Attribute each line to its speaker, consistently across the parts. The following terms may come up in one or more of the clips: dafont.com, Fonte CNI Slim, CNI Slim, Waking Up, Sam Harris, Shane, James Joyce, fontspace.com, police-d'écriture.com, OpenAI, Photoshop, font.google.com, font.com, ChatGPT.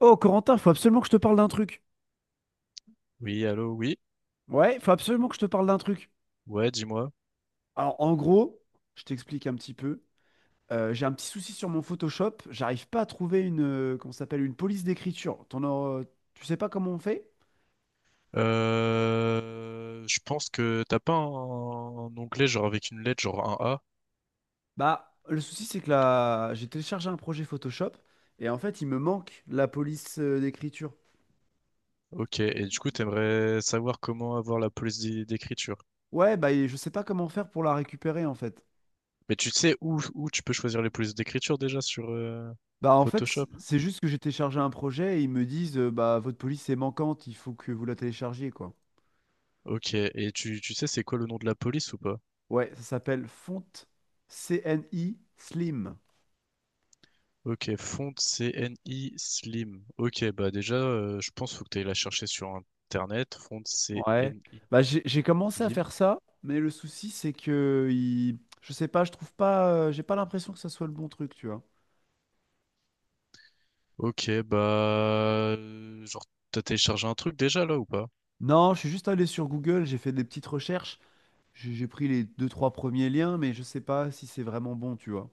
Speaker 1: Oh, Corentin, faut absolument que je te parle d'un truc.
Speaker 2: Oui, allô, oui.
Speaker 1: Ouais, faut absolument que je te parle d'un truc.
Speaker 2: Ouais, dis-moi.
Speaker 1: Alors, en gros, je t'explique un petit peu. J'ai un petit souci sur mon Photoshop. J'arrive pas à trouver une, comment ça s'appelle, une police d'écriture. Tu sais pas comment on fait?
Speaker 2: Je pense que t'as pas un onglet genre avec une lettre, genre un A.
Speaker 1: Bah, le souci, c'est que là, j'ai téléchargé un projet Photoshop et en fait, il me manque la police d'écriture.
Speaker 2: Ok, et du coup, t'aimerais savoir comment avoir la police d'écriture.
Speaker 1: Ouais, bah, et je sais pas comment faire pour la récupérer en fait.
Speaker 2: Mais tu sais où tu peux choisir les polices d'écriture déjà sur
Speaker 1: Bah, en fait,
Speaker 2: Photoshop?
Speaker 1: c'est juste que j'ai téléchargé un projet et ils me disent, bah, votre police est manquante, il faut que vous la téléchargiez, quoi.
Speaker 2: Ok, et tu sais c'est quoi le nom de la police ou pas?
Speaker 1: Ouais, ça s'appelle Fonte CNI Slim.
Speaker 2: Ok, font CNI Slim. Ok, bah déjà, je pense faut que t'ailles la chercher sur Internet, font
Speaker 1: Ouais.
Speaker 2: CNI
Speaker 1: Bah, j'ai commencé à
Speaker 2: Slim.
Speaker 1: faire ça, mais le souci, c'est que il... je sais pas, je trouve pas, j'ai pas l'impression que ça soit le bon truc, tu vois.
Speaker 2: Ok, bah, genre, t'as téléchargé un truc déjà, là, ou pas?
Speaker 1: Non, je suis juste allé sur Google, j'ai fait des petites recherches, j'ai pris les deux, trois premiers liens, mais je sais pas si c'est vraiment bon, tu vois.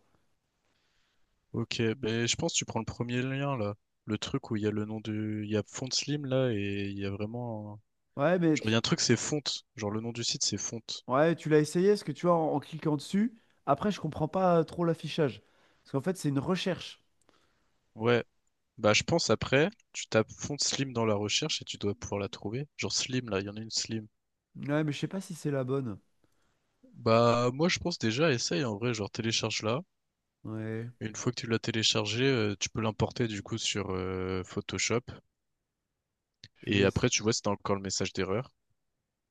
Speaker 2: Ok, ben je pense que tu prends le premier lien, là. Le truc où il y a le nom du... il y a Font Slim, là, et il y a vraiment
Speaker 1: Ouais, mais
Speaker 2: genre, il y a un truc, c'est Font. Genre, le nom du site, c'est Font.
Speaker 1: ouais, tu l'as essayé, parce que tu vois, en cliquant dessus, après, je comprends pas trop l'affichage. Parce qu'en fait, c'est une recherche.
Speaker 2: Ouais, bah je pense après, tu tapes Font Slim dans la recherche et tu dois pouvoir la trouver. Genre Slim, là, il y en a une Slim.
Speaker 1: Ouais, mais je sais pas si c'est la bonne.
Speaker 2: Bah moi je pense déjà, essaye en vrai, genre télécharge là.
Speaker 1: Ouais,
Speaker 2: Une fois que tu l'as téléchargé, tu peux l'importer du coup sur Photoshop.
Speaker 1: je vais.
Speaker 2: Et après tu vois si t'as encore le message d'erreur.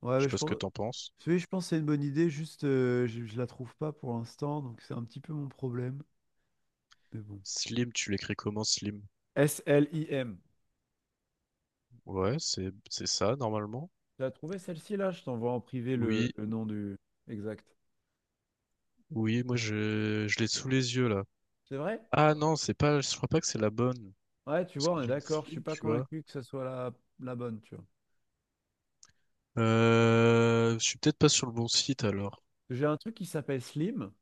Speaker 1: Ouais,
Speaker 2: Je
Speaker 1: mais
Speaker 2: sais
Speaker 1: je
Speaker 2: pas ce que
Speaker 1: pense.
Speaker 2: t'en penses.
Speaker 1: Oui, je pense que c'est une bonne idée, juste je la trouve pas pour l'instant, donc c'est un petit peu mon problème. Mais bon.
Speaker 2: Slim, tu l'écris comment Slim?
Speaker 1: S L Slim.
Speaker 2: Ouais, c'est ça normalement.
Speaker 1: Tu as trouvé celle-ci là? Je t'envoie en privé
Speaker 2: Oui,
Speaker 1: le nom du exact.
Speaker 2: oui, moi je l'ai sous les yeux là.
Speaker 1: C'est vrai?
Speaker 2: Ah non, c'est pas, je crois pas que c'est la bonne.
Speaker 1: Ouais, tu
Speaker 2: Parce
Speaker 1: vois,
Speaker 2: que
Speaker 1: on est
Speaker 2: j'ai une
Speaker 1: d'accord. Je suis
Speaker 2: Slim,
Speaker 1: pas
Speaker 2: tu vois.
Speaker 1: convaincu que ce soit la bonne, tu vois.
Speaker 2: Je suis peut-être pas sur le bon site alors.
Speaker 1: J'ai un truc qui s'appelle Slim,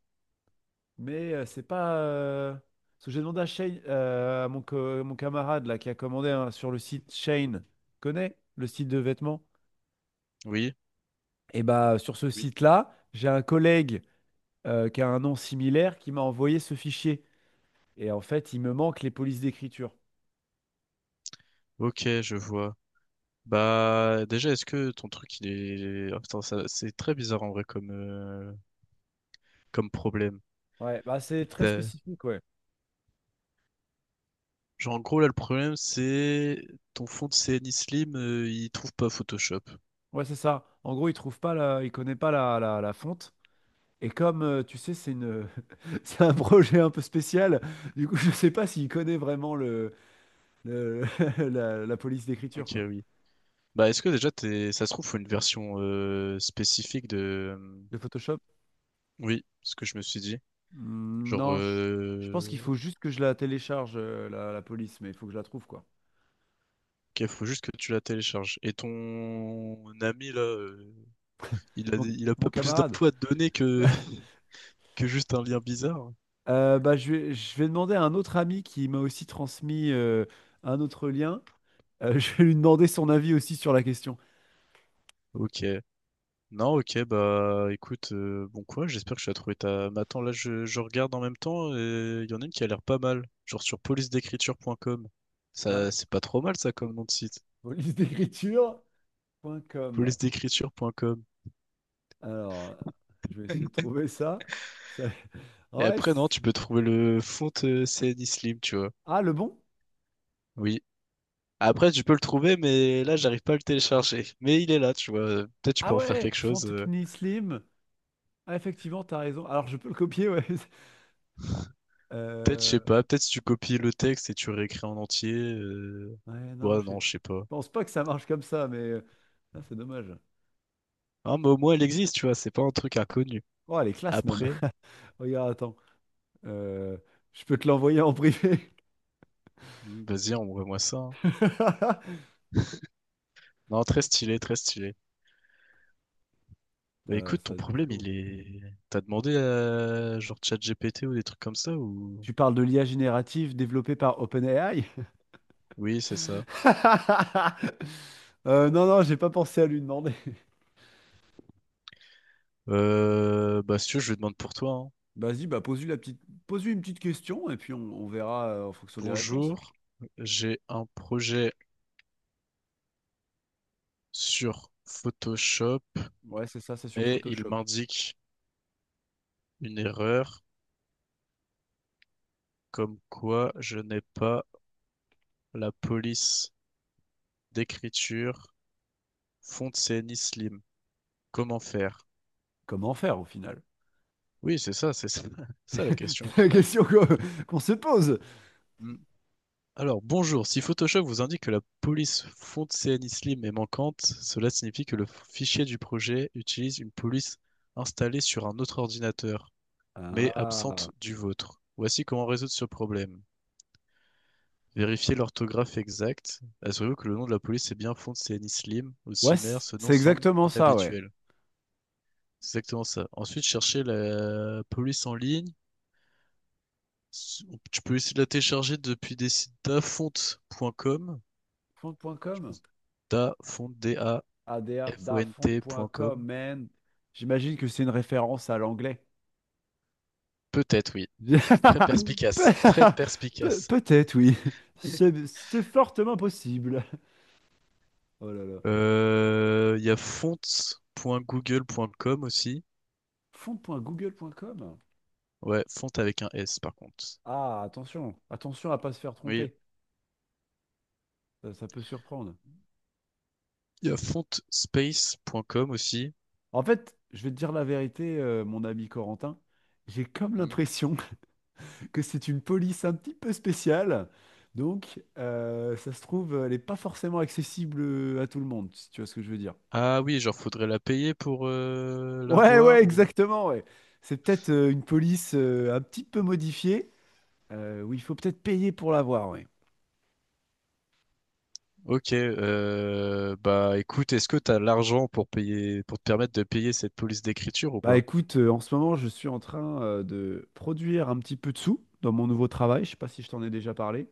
Speaker 1: mais c'est pas. Parce que j'ai demandé à Shane, à mon camarade là qui a commandé hein, sur le site Shane. Connais le site de vêtements?
Speaker 2: Oui,
Speaker 1: Et bah sur ce
Speaker 2: oui.
Speaker 1: site-là, j'ai un collègue, qui a un nom similaire, qui m'a envoyé ce fichier. Et en fait, il me manque les polices d'écriture.
Speaker 2: Ok, je vois. Bah, déjà, est-ce que ton truc, il est... ah, putain, c'est très bizarre en vrai comme, comme problème.
Speaker 1: Ouais, bah c'est très
Speaker 2: T'as-
Speaker 1: spécifique, ouais.
Speaker 2: Genre, en gros, là, le problème, c'est ton fond de CNI Slim, il trouve pas Photoshop.
Speaker 1: Ouais, c'est ça. En gros, il trouve pas la... il connaît pas la fonte. Et comme tu sais, c'est une... c'est un projet un peu spécial, du coup, je sais pas s'il connaît vraiment le, le- la police
Speaker 2: Ok,
Speaker 1: d'écriture, quoi.
Speaker 2: oui. Bah, est-ce que déjà, t'es... ça se trouve, faut une version spécifique de...
Speaker 1: Le Photoshop?
Speaker 2: Oui, ce que je me suis dit. Genre,
Speaker 1: Non, je pense qu'il faut juste que je la télécharge, la police, mais il faut que je la trouve, quoi.
Speaker 2: ok, faut juste que tu la télécharges. Et ton ami, là, il a,
Speaker 1: Donc,
Speaker 2: il a
Speaker 1: mon
Speaker 2: pas plus
Speaker 1: camarade.
Speaker 2: d'infos à te donner que... que juste un lien bizarre.
Speaker 1: Bah, je vais demander à un autre ami qui m'a aussi transmis un autre lien. Je vais lui demander son avis aussi sur la question.
Speaker 2: Ok. Non, ok, bah écoute, bon quoi, j'espère que tu as trouvé ta... Mais attends, là je regarde en même temps et il y en a une qui a l'air pas mal, genre sur police-d'écriture.com.
Speaker 1: Hein,
Speaker 2: Ça, c'est pas trop mal ça comme nom de site,
Speaker 1: police-d'écriture.com.
Speaker 2: police-d'écriture.com.
Speaker 1: Alors, je vais essayer de trouver ça. Ça-
Speaker 2: Et
Speaker 1: Ouais,
Speaker 2: après, non, tu peux trouver le font, CNI Slim, tu vois.
Speaker 1: ah, le bon?
Speaker 2: Oui. Après, tu peux le trouver, mais là, j'arrive pas à le télécharger. Mais il est là, tu vois. Peut-être tu
Speaker 1: Ah
Speaker 2: peux en faire
Speaker 1: ouais,
Speaker 2: quelque chose.
Speaker 1: Fontenay Slim. Ah, effectivement, t'as raison. Alors, je peux le copier, ouais.
Speaker 2: Peut-être, je sais
Speaker 1: Euh,
Speaker 2: pas. Peut-être si tu copies le texte et tu réécris en entier.
Speaker 1: Ouais, non,
Speaker 2: Ouais,
Speaker 1: je
Speaker 2: non, je sais pas.
Speaker 1: pense pas que ça marche comme ça, mais ah, c'est dommage.
Speaker 2: Hein, mais au moins, elle existe, tu vois. C'est pas un truc inconnu.
Speaker 1: Oh, elle est classe même.
Speaker 2: Après,
Speaker 1: Regarde, attends. Euh, je peux te l'envoyer en privé.
Speaker 2: vas-y, envoie-moi ça, hein. Non, très stylé, très stylé. Bah
Speaker 1: Ça,
Speaker 2: écoute,
Speaker 1: ça
Speaker 2: ton
Speaker 1: a du
Speaker 2: problème,
Speaker 1: flow.
Speaker 2: il est... T'as demandé à genre ChatGPT ou des trucs comme ça ou...
Speaker 1: Tu parles de l'IA générative développée par OpenAI?
Speaker 2: Oui, c'est ça.
Speaker 1: Non, non, j'ai pas pensé à lui demander.
Speaker 2: Bah si tu veux, je lui demande pour toi, hein.
Speaker 1: Vas-y, bah pose-lui la petite... pose-lui une petite question et puis on verra en fonction des réponses.
Speaker 2: Bonjour, j'ai un projet sur Photoshop
Speaker 1: Ouais, c'est ça, c'est sur
Speaker 2: et il
Speaker 1: Photoshop.
Speaker 2: m'indique une erreur comme quoi je n'ai pas la police d'écriture Fontaine Slim. Comment faire?
Speaker 1: Comment faire au final?
Speaker 2: Oui, c'est ça, ça la question au
Speaker 1: C'est la
Speaker 2: final.
Speaker 1: question qu'on se pose.
Speaker 2: Hmm. Alors, bonjour. Si Photoshop vous indique que la police fond CNI Slim est manquante, cela signifie que le fichier du projet utilise une police installée sur un autre ordinateur, mais
Speaker 1: Ah.
Speaker 2: absente du vôtre. Voici comment résoudre ce problème. Vérifiez l'orthographe exacte. Assurez-vous que le nom de la police est bien font CNI Slim ou
Speaker 1: Ouais,
Speaker 2: similaire, ce nom
Speaker 1: c'est
Speaker 2: semble
Speaker 1: exactement ça, ouais.
Speaker 2: inhabituel. C'est exactement ça. Ensuite, cherchez la police en ligne. Tu peux essayer de la télécharger depuis des sites dafont.com. Tu peux-
Speaker 1: Fond.com.
Speaker 2: Dafont,
Speaker 1: ADA, dafont.com,
Speaker 2: font.com.
Speaker 1: man. J'imagine que c'est une référence à l'anglais.
Speaker 2: Peut-être, oui. Très
Speaker 1: Pe-
Speaker 2: perspicace. Très
Speaker 1: pe-
Speaker 2: perspicace.
Speaker 1: peut-être, oui. C'est fortement possible. Oh là là.
Speaker 2: Il y a font.google.com aussi.
Speaker 1: Fond.google.com?
Speaker 2: Ouais, font avec un S par contre.
Speaker 1: Ah, attention. Attention à pas se faire
Speaker 2: Oui.
Speaker 1: tromper. Ça peut surprendre.
Speaker 2: Il y a fontspace.com aussi.
Speaker 1: En fait, je vais te dire la vérité, mon ami Corentin. J'ai comme
Speaker 2: Hmm.
Speaker 1: l'impression que c'est une police un petit peu spéciale. Donc, ça se trouve, elle n'est pas forcément accessible à tout le monde, si tu vois ce que je veux dire.
Speaker 2: Ah oui, genre faudrait la payer pour, la
Speaker 1: Ouais, ouais,
Speaker 2: voir ou...
Speaker 1: exactement, ouais. C'est peut-être une police un petit peu modifiée, où il faut peut-être payer pour l'avoir, ouais.
Speaker 2: Ok, bah écoute, est-ce que t'as l'argent pour payer, pour te permettre de payer cette police d'écriture ou
Speaker 1: Bah
Speaker 2: pas?
Speaker 1: écoute, en ce moment, je suis en train de produire un petit peu de sous dans mon nouveau travail. Je sais pas si je t'en ai déjà parlé.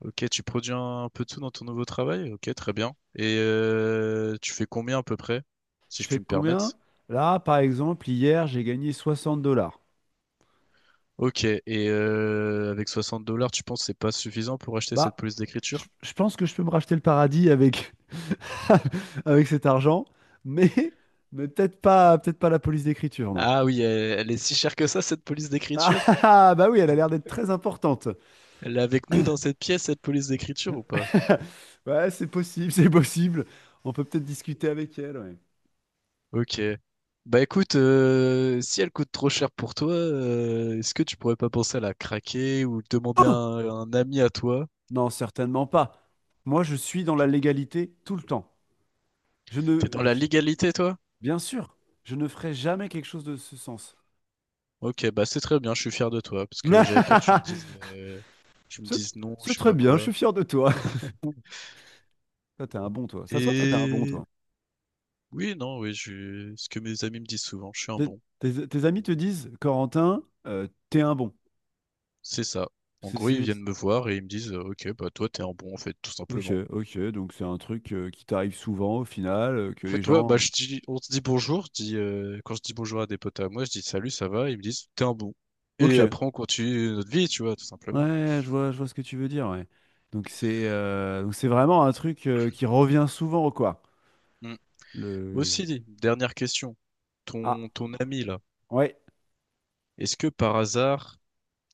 Speaker 2: Ok, tu produis un peu de tout dans ton nouveau travail? Ok, très bien. Et tu fais combien à peu près,
Speaker 1: Je
Speaker 2: si je
Speaker 1: fais
Speaker 2: puis me
Speaker 1: combien?
Speaker 2: permettre?
Speaker 1: Là, par exemple, hier, j'ai gagné 60 dollars.
Speaker 2: Ok, et avec 60 dollars, tu penses que c'est pas suffisant pour acheter cette
Speaker 1: Bah,
Speaker 2: police d'écriture?
Speaker 1: je pense que je peux me racheter le paradis avec, avec cet argent, mais, peut-être pas la police d'écriture, non.
Speaker 2: Ah oui, elle est si chère que ça, cette police
Speaker 1: Ah, ah,
Speaker 2: d'écriture?
Speaker 1: ah, bah oui, elle a l'air d'être très importante.
Speaker 2: Elle est avec nous dans cette pièce, cette police d'écriture ou pas?
Speaker 1: Ouais, c'est possible, c'est possible. On peut peut-être discuter avec elle. Ouais.
Speaker 2: Ok. Bah écoute, si elle coûte trop cher pour toi, est-ce que tu pourrais pas penser à la craquer ou demander à
Speaker 1: Oh!
Speaker 2: un ami à toi?
Speaker 1: Non, certainement pas. Moi, je suis dans la légalité tout le temps. Je
Speaker 2: T'es
Speaker 1: ne,
Speaker 2: dans la
Speaker 1: je-
Speaker 2: légalité, toi?
Speaker 1: Bien sûr, je ne ferai jamais quelque chose de ce sens.
Speaker 2: Ok, bah c'est très bien, je suis fier de toi, parce que j'avais peur que tu me dises, euh, tu me
Speaker 1: C'est
Speaker 2: dises non,
Speaker 1: c'est
Speaker 2: je sais
Speaker 1: très
Speaker 2: pas
Speaker 1: bien, je suis
Speaker 2: quoi.
Speaker 1: fier de toi. Toi, t'es un bon, toi. Ça se voit, toi, t'es un bon,
Speaker 2: Et
Speaker 1: toi.
Speaker 2: oui, non, oui, je... ce que mes amis me disent souvent, je suis un
Speaker 1: Tes,
Speaker 2: bon.
Speaker 1: tes amis te disent, Corentin, t'es un bon.
Speaker 2: C'est ça. En
Speaker 1: C'est,
Speaker 2: gros, ils
Speaker 1: c'est-
Speaker 2: viennent me voir et ils me disent, ok, bah toi t'es un bon en fait, tout
Speaker 1: Ok,
Speaker 2: simplement.
Speaker 1: ok, donc c'est un truc qui t'arrive souvent au final, que
Speaker 2: En
Speaker 1: les
Speaker 2: fait, ouais, bah
Speaker 1: gens...
Speaker 2: je dis, on se dit bonjour, je dis, quand je dis bonjour à des potes à moi, je dis salut, ça va, ils me disent t'es un bon.
Speaker 1: Ok.
Speaker 2: Et après on continue notre vie, tu vois, tout simplement.
Speaker 1: Ouais, je vois ce que tu veux dire, ouais. Donc c'est vraiment un truc qui revient souvent, quoi.
Speaker 2: Mm.
Speaker 1: Le...
Speaker 2: Aussi, dernière question,
Speaker 1: Ah,
Speaker 2: ton ami là,
Speaker 1: ouais.
Speaker 2: est-ce que par hasard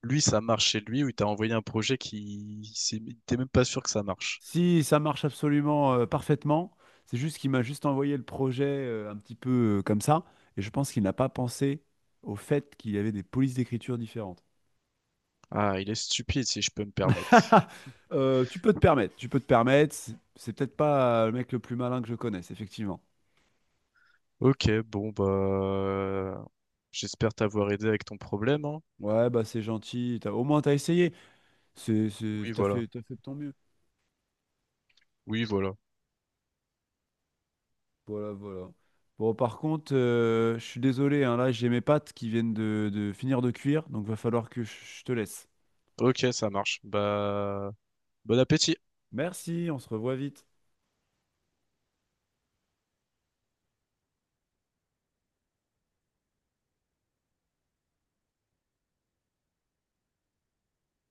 Speaker 2: lui, ça marche chez lui, ou il t'a envoyé un projet qui, il t'es même pas sûr que ça marche.
Speaker 1: Si ça marche absolument parfaitement, c'est juste qu'il m'a juste envoyé le projet un petit peu comme ça, et je pense qu'il n'a pas pensé au fait qu'il y avait des polices d'écriture différentes.
Speaker 2: Ah, il est stupide, si je peux me permettre.
Speaker 1: Tu peux te permettre, tu peux te permettre. C'est peut-être pas le mec le plus malin que je connaisse, effectivement.
Speaker 2: Ok, bon, bah, j'espère t'avoir aidé avec ton problème, hein.
Speaker 1: Ouais, bah c'est gentil. Au moins t'as essayé.
Speaker 2: Oui, voilà.
Speaker 1: T'as fait de ton mieux.
Speaker 2: Oui, voilà.
Speaker 1: Voilà, voilà. Bon, par contre, je suis désolé, hein, là, j'ai mes pâtes qui viennent de finir de cuire, donc va falloir que je te laisse.
Speaker 2: Ok, ça marche. Bah, bon appétit.
Speaker 1: Merci, on se revoit vite.